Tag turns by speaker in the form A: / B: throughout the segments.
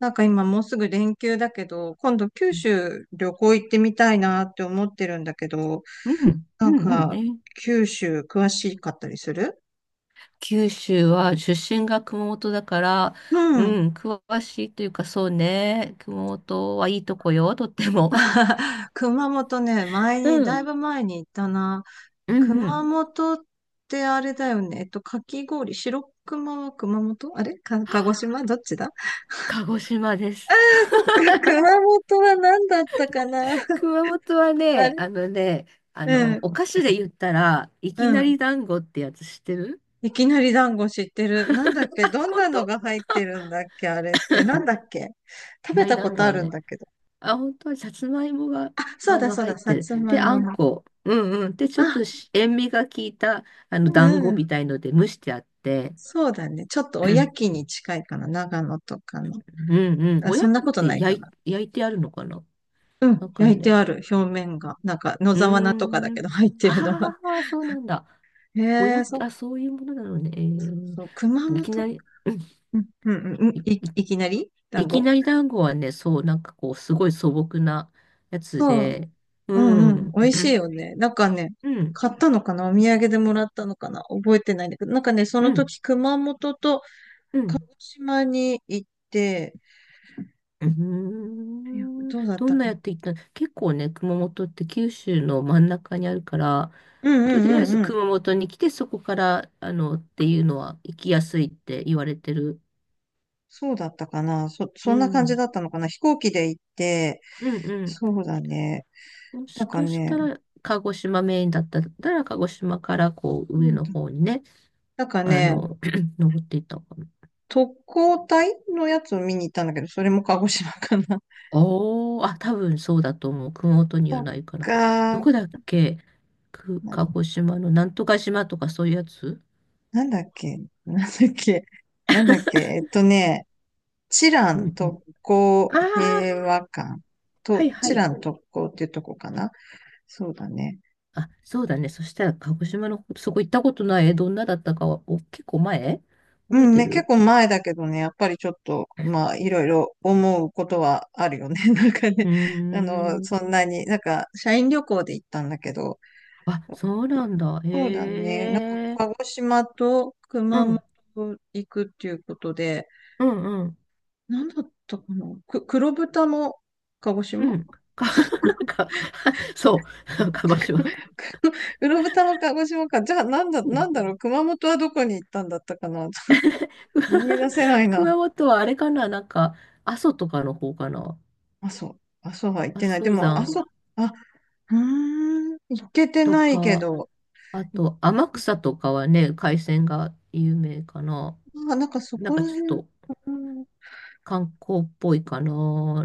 A: 今もうすぐ連休だけど、今度九
B: うん、
A: 州旅行行ってみたいなって思ってるんだけど、
B: うん、
A: な
B: う
A: ん
B: ん
A: か
B: ね。
A: 九州詳しかったりする？
B: 九州は出身が熊本だから、
A: う
B: う
A: ん。
B: ん、詳しいというかそうね。熊本はいいとこよ、とっても。
A: 熊本ね、前 に、
B: う
A: だい
B: ん、
A: ぶ前に行ったな。
B: うん、う
A: 熊
B: ん。
A: 本ってあれだよね。かき氷、白熊は熊本あれか、鹿児島どっちだ？
B: 鹿児島です。
A: そっか、熊本は何だったかな。
B: 熊本は
A: あれ？
B: ね、
A: うん、
B: お菓子で言ったら、いき
A: う
B: なり
A: ん。
B: 団子ってやつ知ってる？
A: いきなり団子知ってる。なんだっけ、ど ん
B: 本
A: な
B: 当
A: の
B: い
A: が入ってるんだっけあれって。なんだっけ、食
B: き
A: べ
B: なり
A: たこ
B: 団
A: と
B: 子
A: あ
B: は
A: るん
B: ね、
A: だけど。
B: あ、本当はさつまいもが、
A: あ、そうだそう
B: 入っ
A: だ。さ
B: てる。
A: つま
B: で、
A: い
B: あ
A: も
B: ん
A: の。
B: こ。うんうん。で、ちょっ
A: あ、
B: とし塩味が効いた、
A: う
B: 団
A: ん
B: 子
A: う
B: み
A: ん。
B: たいので蒸してあって。
A: そうだね。ちょっと お
B: う
A: や
B: ん
A: きに近いかな。長野とかの。
B: うん。
A: あ、
B: おや
A: そんな
B: きっ
A: ことな
B: て
A: いか
B: 焼
A: な。
B: い、焼いてあるのかな
A: う
B: な
A: ん。
B: んか
A: 焼いて
B: ね。
A: ある。表面が。野
B: う
A: 沢菜とかだ
B: ー
A: け
B: ん。
A: ど入ってるのは。
B: ああ、そうなんだ。
A: へ
B: おや
A: え、
B: き、
A: そっか。
B: あ、そういうものなのね。えー、
A: そう、熊
B: いき
A: 本。
B: なり、うん、
A: うん、うん、うん。うん、
B: い、
A: いきなり
B: い
A: 団
B: き
A: 子。
B: なり団子はね、そう、なんかこう、すごい素朴なやつ
A: そう。
B: で。
A: う
B: う
A: んうん。
B: ん。
A: 美味しいよ ね。なんかね、
B: うん。
A: 買ったのかな、お土産でもらったのかな、覚えてないんだけど、なんかね、そ
B: う
A: の
B: ん。
A: 時熊本と
B: う
A: 鹿
B: ん。
A: 児島に行って、
B: うー
A: いや、
B: ん。
A: どうだっ
B: ど
A: た
B: んな
A: か
B: や
A: な。
B: っていったの？結構ね、熊本って九州の真ん中にあるから、
A: うんう
B: とり
A: ん
B: あえ
A: う
B: ず
A: んうん。
B: 熊本に来て、そこから、っていうのは行きやすいって言われてる。
A: そうだったかな、
B: う
A: そんな感じ
B: ん。
A: だったのかな、飛行機で行って、
B: うんうん。
A: そうだね。
B: もし
A: なんか
B: かし
A: ね、
B: たら、鹿児島メインだったら、鹿児島からこう上
A: そう
B: の
A: だ、
B: 方にね、
A: なんか
B: あ
A: ね、
B: の、登っていったのかな。
A: 特攻隊のやつを見に行ったんだけど、それも鹿児島かな。
B: おー、あ、多分そうだと思う。熊本に
A: そ
B: は
A: っ
B: ないから。ど
A: か。
B: こだっけ？く、鹿児島のなんとか島とかそういうやつ。
A: なんだっけ、なんだっけ、なんだっけ、えっとね、チラ
B: う
A: ン
B: んうん、
A: 特
B: あ
A: 攻
B: あ、
A: 平和館
B: はい
A: と、
B: は
A: チ
B: い。
A: ラン特攻っていうとこかな。そうだね。
B: あ、そうだね。そしたら、鹿児島の、そこ行ったことない。え、どんなだったかは、お、結構前
A: う
B: 覚え
A: ん
B: て
A: ね、
B: る？
A: 結構前だけどね、やっぱりちょっと、まあ、いろいろ思うことはあるよね。なんかね、
B: うー
A: あの、そん
B: ん。
A: なに、なんか、社員旅行で行ったんだけど、
B: あ、そうなんだ。
A: そうだね、なんか、
B: へえ。
A: 鹿児島と
B: う
A: 熊
B: ん、
A: 本行くっていうことで、
B: うん、うん、
A: なんだったかな、黒豚も鹿児
B: う
A: 島。
B: ん。か、か、そう、鹿児島。
A: うろぶたの鹿児島か。じゃあ、なんだ、
B: う
A: な
B: ん。
A: んだろう。熊本はどこに行ったんだったかな。思い出 せないな。
B: 熊本はあれかな、なんか、阿蘇とかの方かな。
A: 阿蘇、阿蘇は行っ
B: 阿
A: てない。で
B: 蘇
A: も、阿
B: 山
A: 蘇、あ、うーん、行けて
B: と
A: ないけ
B: か、
A: ど。
B: あと、天草とかはね、海鮮が有名かな。
A: あ、なんかそ
B: なん
A: こら
B: かちょ
A: 辺。
B: っと、
A: うん、
B: 観光っぽいかな。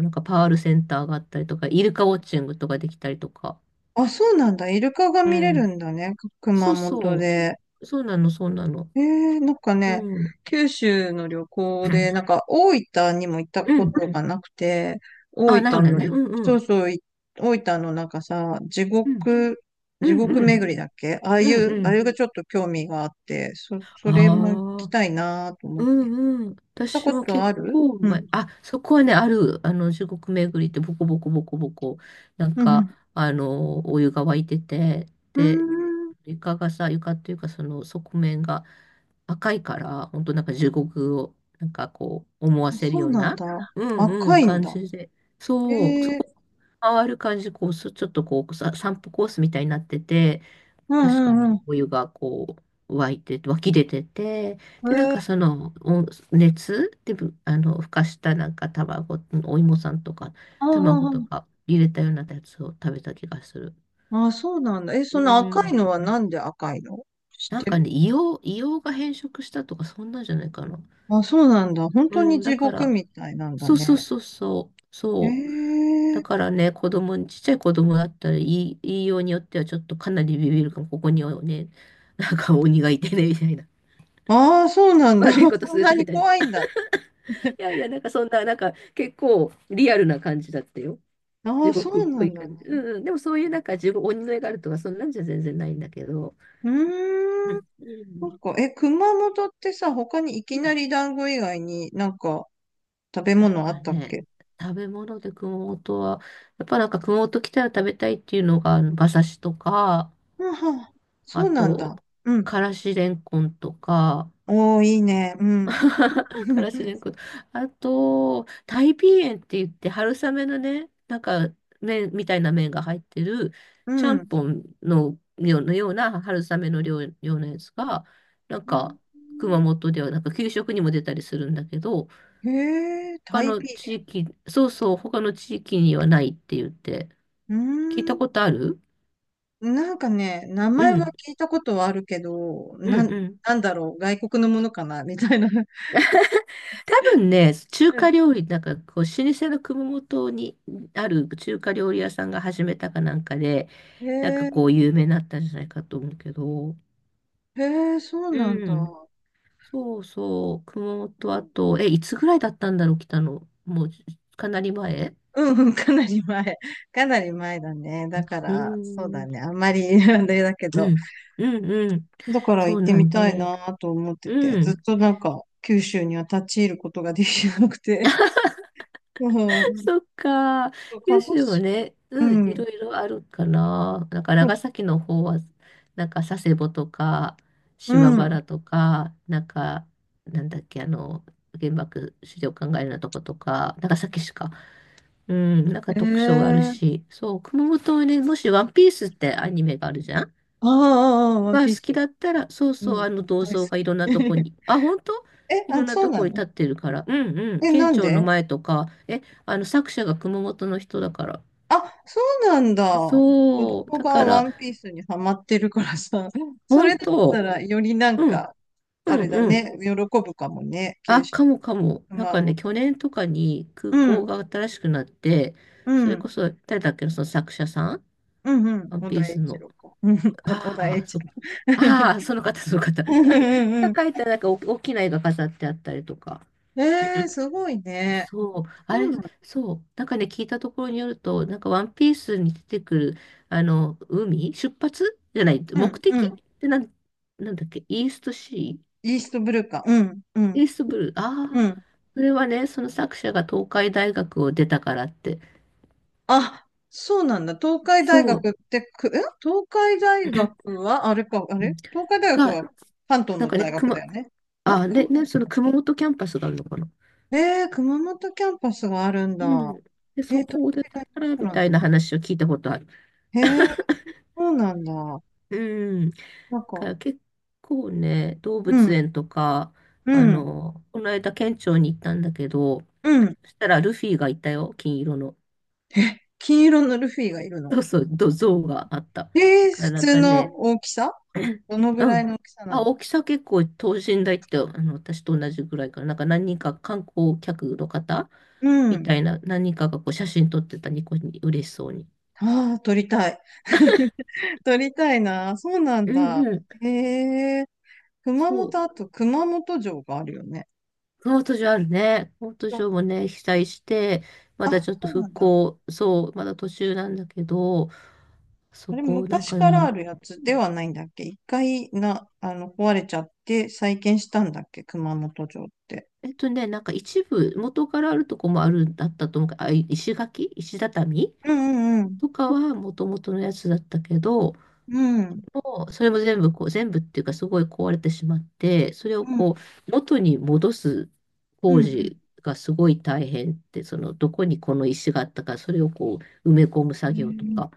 B: なんかパールセンターがあったりとか、イルカウォッチングとかできたりとか。
A: あ、そうなんだ。イルカが
B: う
A: 見れる
B: ん。
A: んだね。
B: そ
A: 熊
B: う
A: 本
B: そ
A: で。
B: う。そうなの、そうなの。
A: ええ、なんかね、
B: うん。
A: 九州の旅行 で、なんか大分にも行った
B: う
A: こ
B: ん。
A: とがなくて、大
B: あ、ない
A: あ、
B: ん
A: 分
B: だ
A: の
B: ね。
A: い、
B: うんう
A: そう
B: ん。
A: そう、大分のなんかさ、地
B: うん。
A: 獄、
B: う
A: 地
B: ん
A: 獄
B: うん。
A: 巡りだっけ、ああ
B: う
A: い
B: ん
A: う、
B: う
A: あれ
B: ん。
A: がちょっと興味があって、それも行き
B: ああ、
A: たいなと思っ
B: う
A: て。
B: んうん。
A: 行った
B: 私
A: こ
B: も
A: と
B: 結
A: ある？
B: 構
A: うん。
B: 前、あ、そこはね、ある、中国巡りってボコボコボコボコ、なん
A: う
B: か、
A: ん。
B: お湯が湧いてて、
A: う
B: で、
A: ん。う
B: 床がさ、床っていうかその側面が赤いから、本当なんか地獄をなんかこう思わ
A: ーん。
B: せる
A: そう
B: よう
A: なん
B: な、
A: だ。
B: うんう
A: 赤
B: ん、
A: いん
B: 感
A: だ。
B: じで。
A: え
B: そう、そこ
A: え、
B: 回る感じ、こう、す、ちょっとこうさ、散歩コースみたいになってて、
A: う
B: 確か
A: んう
B: ね、
A: ん
B: お湯がこう、湧き出てて、で、なん
A: うん。え
B: か
A: え、
B: その、お熱で、ぶあの、ふかしたなんか卵、お芋さんとか、
A: あ
B: 卵
A: あ、
B: と
A: あ
B: か入れたようなやつを食べた気がする。
A: あ、ああそうなんだ。え、
B: う
A: その赤い
B: ん。
A: のはなんで赤いの？知っ
B: なん
A: て
B: かね、
A: る？
B: 硫黄が変色したとか、そんなんじゃないかな。
A: あ、そうなんだ。本当
B: う
A: に
B: ん、だ
A: 地
B: か
A: 獄
B: ら、
A: みたいなんだ
B: そうそうそ
A: ね。
B: うそう、
A: へ
B: そう。
A: え。
B: だからね、子供に、ちっちゃい子供だったら、言いようによってはちょっとかなりビビるかも、ここにはね、なんか鬼がいてね、みたいな。
A: ああ、そうな んだ。
B: 悪いこ と
A: そ
B: す
A: ん
B: る
A: な
B: とみ
A: に
B: たい
A: 怖い
B: な。い
A: んだ。
B: やいや、なんかそんな、なんか結構リアルな感じだったよ。
A: あ
B: 地
A: あ、そ
B: 獄っ
A: う
B: ぽ
A: な
B: い
A: んだ。
B: 感じ。
A: う
B: うんうん、でもそういうなんか地獄、鬼の絵があるとか、そんなんじゃ全然ないんだけど。
A: ー
B: う
A: ん。
B: ん、う
A: そっ
B: ん、
A: か。え、熊本ってさ、他にいきなり団子以外に食べ
B: なん
A: 物あ
B: か
A: ったっ
B: ね、
A: け？
B: 食べ物で熊本は、やっぱなんか熊本来たら食べたいっていうのが、あの馬刺しとか、
A: うん、はあ、
B: あ
A: そうなんだ。
B: と、
A: うん。
B: からしれんこんとか、
A: おー、いいね。う ん。
B: からしれ んこん、あと、タイピーエンって言って春雨のね、なんか麺みたいな麺が入ってる、
A: う
B: ちゃん
A: ん。
B: ぽんのような春雨の量、ようなやつが、なんか熊本ではなんか給食にも出たりするんだけど、
A: へえ、タ
B: 他
A: イ
B: の
A: ピー。
B: 地域、そうそう、他の地域にはないって言って、
A: うー
B: 聞いたこ
A: ん。
B: とある？
A: なんかね、名
B: う
A: 前は
B: ん、
A: 聞いたことはあるけど、
B: うん、うん。
A: なんだろう、外国のものかな、みたいな。
B: 多分ね、中華料理、なんかこう、老舗の熊本にある中華料理屋さんが始めたかなんかで、
A: へ
B: なんか
A: え、
B: こう、有名になったんじゃないかと思うけど、
A: へえ、そうなん
B: う
A: だ。
B: ん、そうそう、熊本あと、え、いつぐらいだったんだろう、来たの。もう、かなり前。
A: うんうん、かなり前。かなり前だね。だか
B: うん、
A: ら、そう
B: う
A: だ
B: ん、
A: ね。あんまり、あれだけど。
B: うん、うん、
A: だから
B: そ
A: 行っ
B: う
A: て
B: な
A: み
B: んで
A: たい
B: ね。
A: なと思ってて、
B: う
A: ずっ
B: ん。
A: となんか、九州には立ち入ることができなくて。うん。
B: そっか。
A: 鹿
B: 九
A: 児
B: 州も
A: 島。
B: ね、
A: う
B: うん、い
A: ん。
B: ろいろあるかな。なんか長崎の方は、なんか佐世保とか、
A: う
B: 島
A: ん。
B: 原とか、なんか、なんだっけ、原爆資料館があるようなとことか、長崎市か。うん、なんか特徴がある
A: ええ、
B: し、そう、熊本はね、もしワンピースってアニメがあるじゃん
A: ああ、ああ、ワン
B: が
A: ピー
B: 好き
A: ス。
B: だったら、そう
A: う
B: そう、
A: ん。
B: あの銅
A: 大好
B: 像がい
A: き。
B: ろんなとこ に、あ、本当
A: え、
B: いろ
A: あ、
B: んな
A: そう
B: とこ
A: な
B: に
A: の？
B: 立ってるから、うんうん、
A: え、な
B: 県
A: ん
B: 庁の
A: で？
B: 前とか、え、あの作者が熊本の人だから。
A: あ、そうなんだ。子
B: そう、
A: 供
B: だ
A: が
B: か
A: ワ
B: ら、
A: ンピースにハマってるからさ、そ
B: 本
A: れだった
B: 当、
A: らよりなん
B: うん、
A: か、
B: う
A: あれ
B: ん、
A: だ
B: うん。
A: ね、喜ぶかもね、九
B: あ、
A: 州、
B: かもかも。なん
A: 熊
B: かね、
A: 本。
B: 去年とかに空
A: う
B: 港
A: ん、
B: が新しくなって、
A: う
B: それこ
A: ん、
B: そ、誰だっけな、その作者さん
A: うん、うん、
B: ワン
A: 小
B: ピー
A: 田栄
B: ス
A: 一
B: の。
A: 郎か。うん、お小田栄
B: ああ、
A: 一
B: そっ
A: 郎。
B: か。ああ、その方、その方。
A: うん う
B: が
A: んう
B: 描いたなんかお大きな絵が飾ってあったりとか。
A: ん。えー、すごいね。
B: そう、
A: そ
B: あ
A: う
B: れ、
A: なの。
B: そう、なんかね、聞いたところによると、なんかワンピースに出てくる、海、出発じゃない、
A: う
B: 目
A: ん、う
B: 的
A: ん。
B: で、なんだっけ、
A: イーストブルーか。うん、うん、
B: イーストブルー、
A: う
B: ああ、
A: ん。
B: それはね、その作者が東海大学を出たからって、
A: あ、そうなんだ。東海大学
B: そう、
A: って東海大学 は、あれか、あ
B: う
A: れ
B: ん、
A: 東海大学
B: が、
A: は関東
B: なん
A: の
B: かね、
A: 大学だよね。
B: あ
A: か
B: あ、で、ね、その熊本キャンパスがあるのかな。
A: えー、熊本キャンパスがあるん
B: う
A: だ。
B: ん。で、
A: え
B: そ
A: ー、東
B: こを出た
A: 海大
B: か
A: の
B: ら、
A: 人
B: み
A: なんだ。
B: たいな話を聞いたことある。
A: えー、そうなんだ。
B: うん。
A: なん
B: か
A: か、
B: ら結構ね、動
A: う
B: 物
A: ん、
B: 園とか、
A: うん、
B: この間県庁に行ったんだけど、
A: うん。
B: そしたらルフィがいたよ、金色の。
A: 金色のルフィがいるの？
B: そうそう、ど像があった。
A: えー、
B: から
A: 普
B: なん
A: 通
B: か
A: の
B: ね、
A: 大きさ？どのぐ
B: う
A: らいの
B: ん。
A: 大きさな
B: あ、
A: の？
B: 大きさ結構等身大って、私と同じぐらいかな。なんか何人か観光客の方
A: う
B: み
A: ん。
B: たいな、何人かがこう写真撮ってたニコに嬉しそうに。
A: ああ、撮りたい。撮りたいな。そうなん
B: うん
A: だ。
B: うん。
A: へえ。熊
B: そ
A: 本、あ
B: う。
A: と熊本城があるよね。
B: コート上あるね。コート
A: あ、
B: 上もね、被災して、まだちょっと
A: そうな
B: 復
A: んだ。
B: 興、そう、まだ途中なんだけど、そ
A: あれ、
B: こ、なん
A: 昔
B: か
A: からあ
B: ね、
A: るやつではないんだっけ、一回な、あの、壊れちゃって再建したんだっけ、熊本城って。
B: えっとね、なんか一部、元からあるとこもあるんだったと思うけど、あ、い石垣、石畳
A: うんうん
B: とかは元々のやつだったけど、
A: うん。うん。
B: もうそれも全部こう、全部っていうかすごい壊れてしまって、それを
A: う
B: こ
A: ん。
B: う、元に戻す
A: う
B: 工
A: んう
B: 事がすごい大変って、その、どこにこの石があったか、それをこう、埋め込む作業と
A: ん。へえ、
B: か。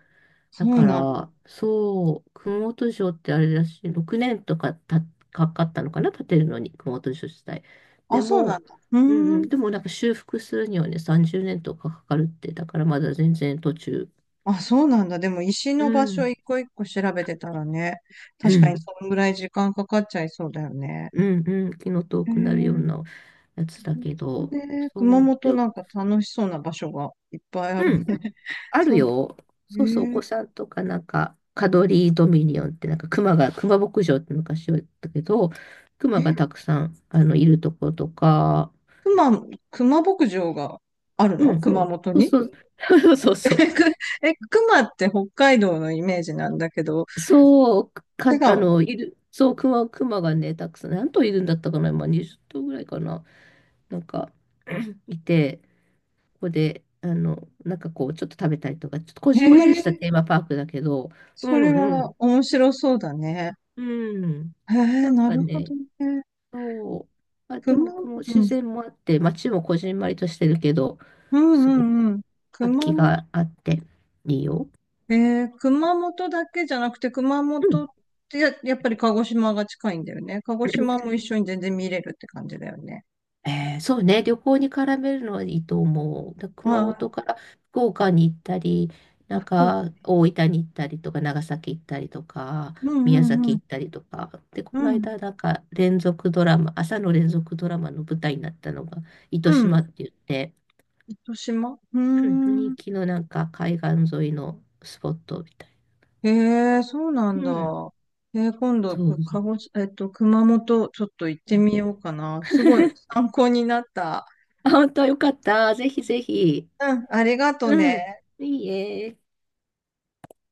A: そ
B: だ
A: う
B: か
A: なんだ。
B: ら、そう、熊本城ってあれだし、6年とかかかったのかな、建てるのに、熊本城自体。
A: あ、
B: で
A: そうなん
B: も、
A: だ。う
B: うんう
A: ーん。
B: ん、でもなんか修復するにはね、30年とかかかるって、だからまだ全然途中。
A: あ、そうなんだ。でも石
B: う
A: の場所
B: ん、
A: 一個一個調べてたらね、
B: う
A: 確かに
B: ん、
A: そのぐらい時間かかっちゃいそうだよね。
B: うん、うん、気の遠
A: へ
B: くなるよう
A: え。
B: なやつだけど、
A: で、熊
B: そう、
A: 本
B: で
A: なん
B: も、
A: か楽しそうな場所がいっぱいある
B: う
A: ね。
B: ん、 あ
A: そ
B: る
A: う。
B: よ。
A: え
B: そうそう、お
A: ー、
B: 子さんとかなんか、カドリードミニオンってなんか、熊が、熊牧場って昔は言ったけど、熊が
A: え、
B: たくさん、いるところとか、
A: 熊、熊牧場があるの、
B: うん。
A: 熊本
B: そう
A: に？
B: そう、そう
A: え、
B: そう。
A: くえ、熊って北海道のイメージなんだけど、
B: そう、か、
A: 違う？
B: いる、そう、熊がね、たくさん、何頭いるんだったかな、今20頭ぐらいかな、なんか、いて、ここで、なんかこう、ちょっと食べたりとか、ちょっとこ
A: え
B: じんまり
A: ー、
B: したテーマパークだけど、う
A: それ
B: んう
A: は
B: ん、
A: 面白そうだね。
B: うん。
A: え
B: な
A: ー、
B: ん
A: な
B: か
A: るほど
B: ね、
A: ね。
B: そう。あ、で
A: 熊、
B: も、この
A: う
B: 自
A: ん、
B: 然もあって、街もこじんまりとしてるけど、
A: うん
B: す
A: う
B: ごく
A: んうん。
B: 活
A: 熊、
B: 気があって、いいよ。
A: えー、熊本だけじゃなくて、熊
B: うん。
A: 本ってやっぱり鹿児島が近いんだよね。鹿児島も一緒に全然見れるって感じだよね。
B: えー、そうね、旅行に絡めるのはいいと思う。だ熊
A: ああ、
B: 本から福岡に行ったり、なん
A: そうか
B: か
A: ね。
B: 大分に行ったりとか、長崎行ったりとか、
A: うんう
B: 宮
A: んう
B: 崎
A: ん。
B: 行ったりとか。で、こ
A: う
B: の
A: ん。
B: 間、なんか連続ドラマ、朝の連続ドラマの舞台になったのが、糸
A: う
B: 島
A: ん。
B: って言って、
A: 糸島、うー
B: うん、人
A: ん。
B: 気のなんか海岸沿いのスポットみたいな。
A: へえ、そうなん
B: う
A: だ。
B: ん。
A: えー、今度、
B: そう。
A: 鹿児島、えっと、熊本、ちょっと行ってみ ようかな。すごい参考になった。
B: あ、本当よかった。ぜひぜひ。
A: うん、ありがと
B: うん。
A: ね。
B: いいえ。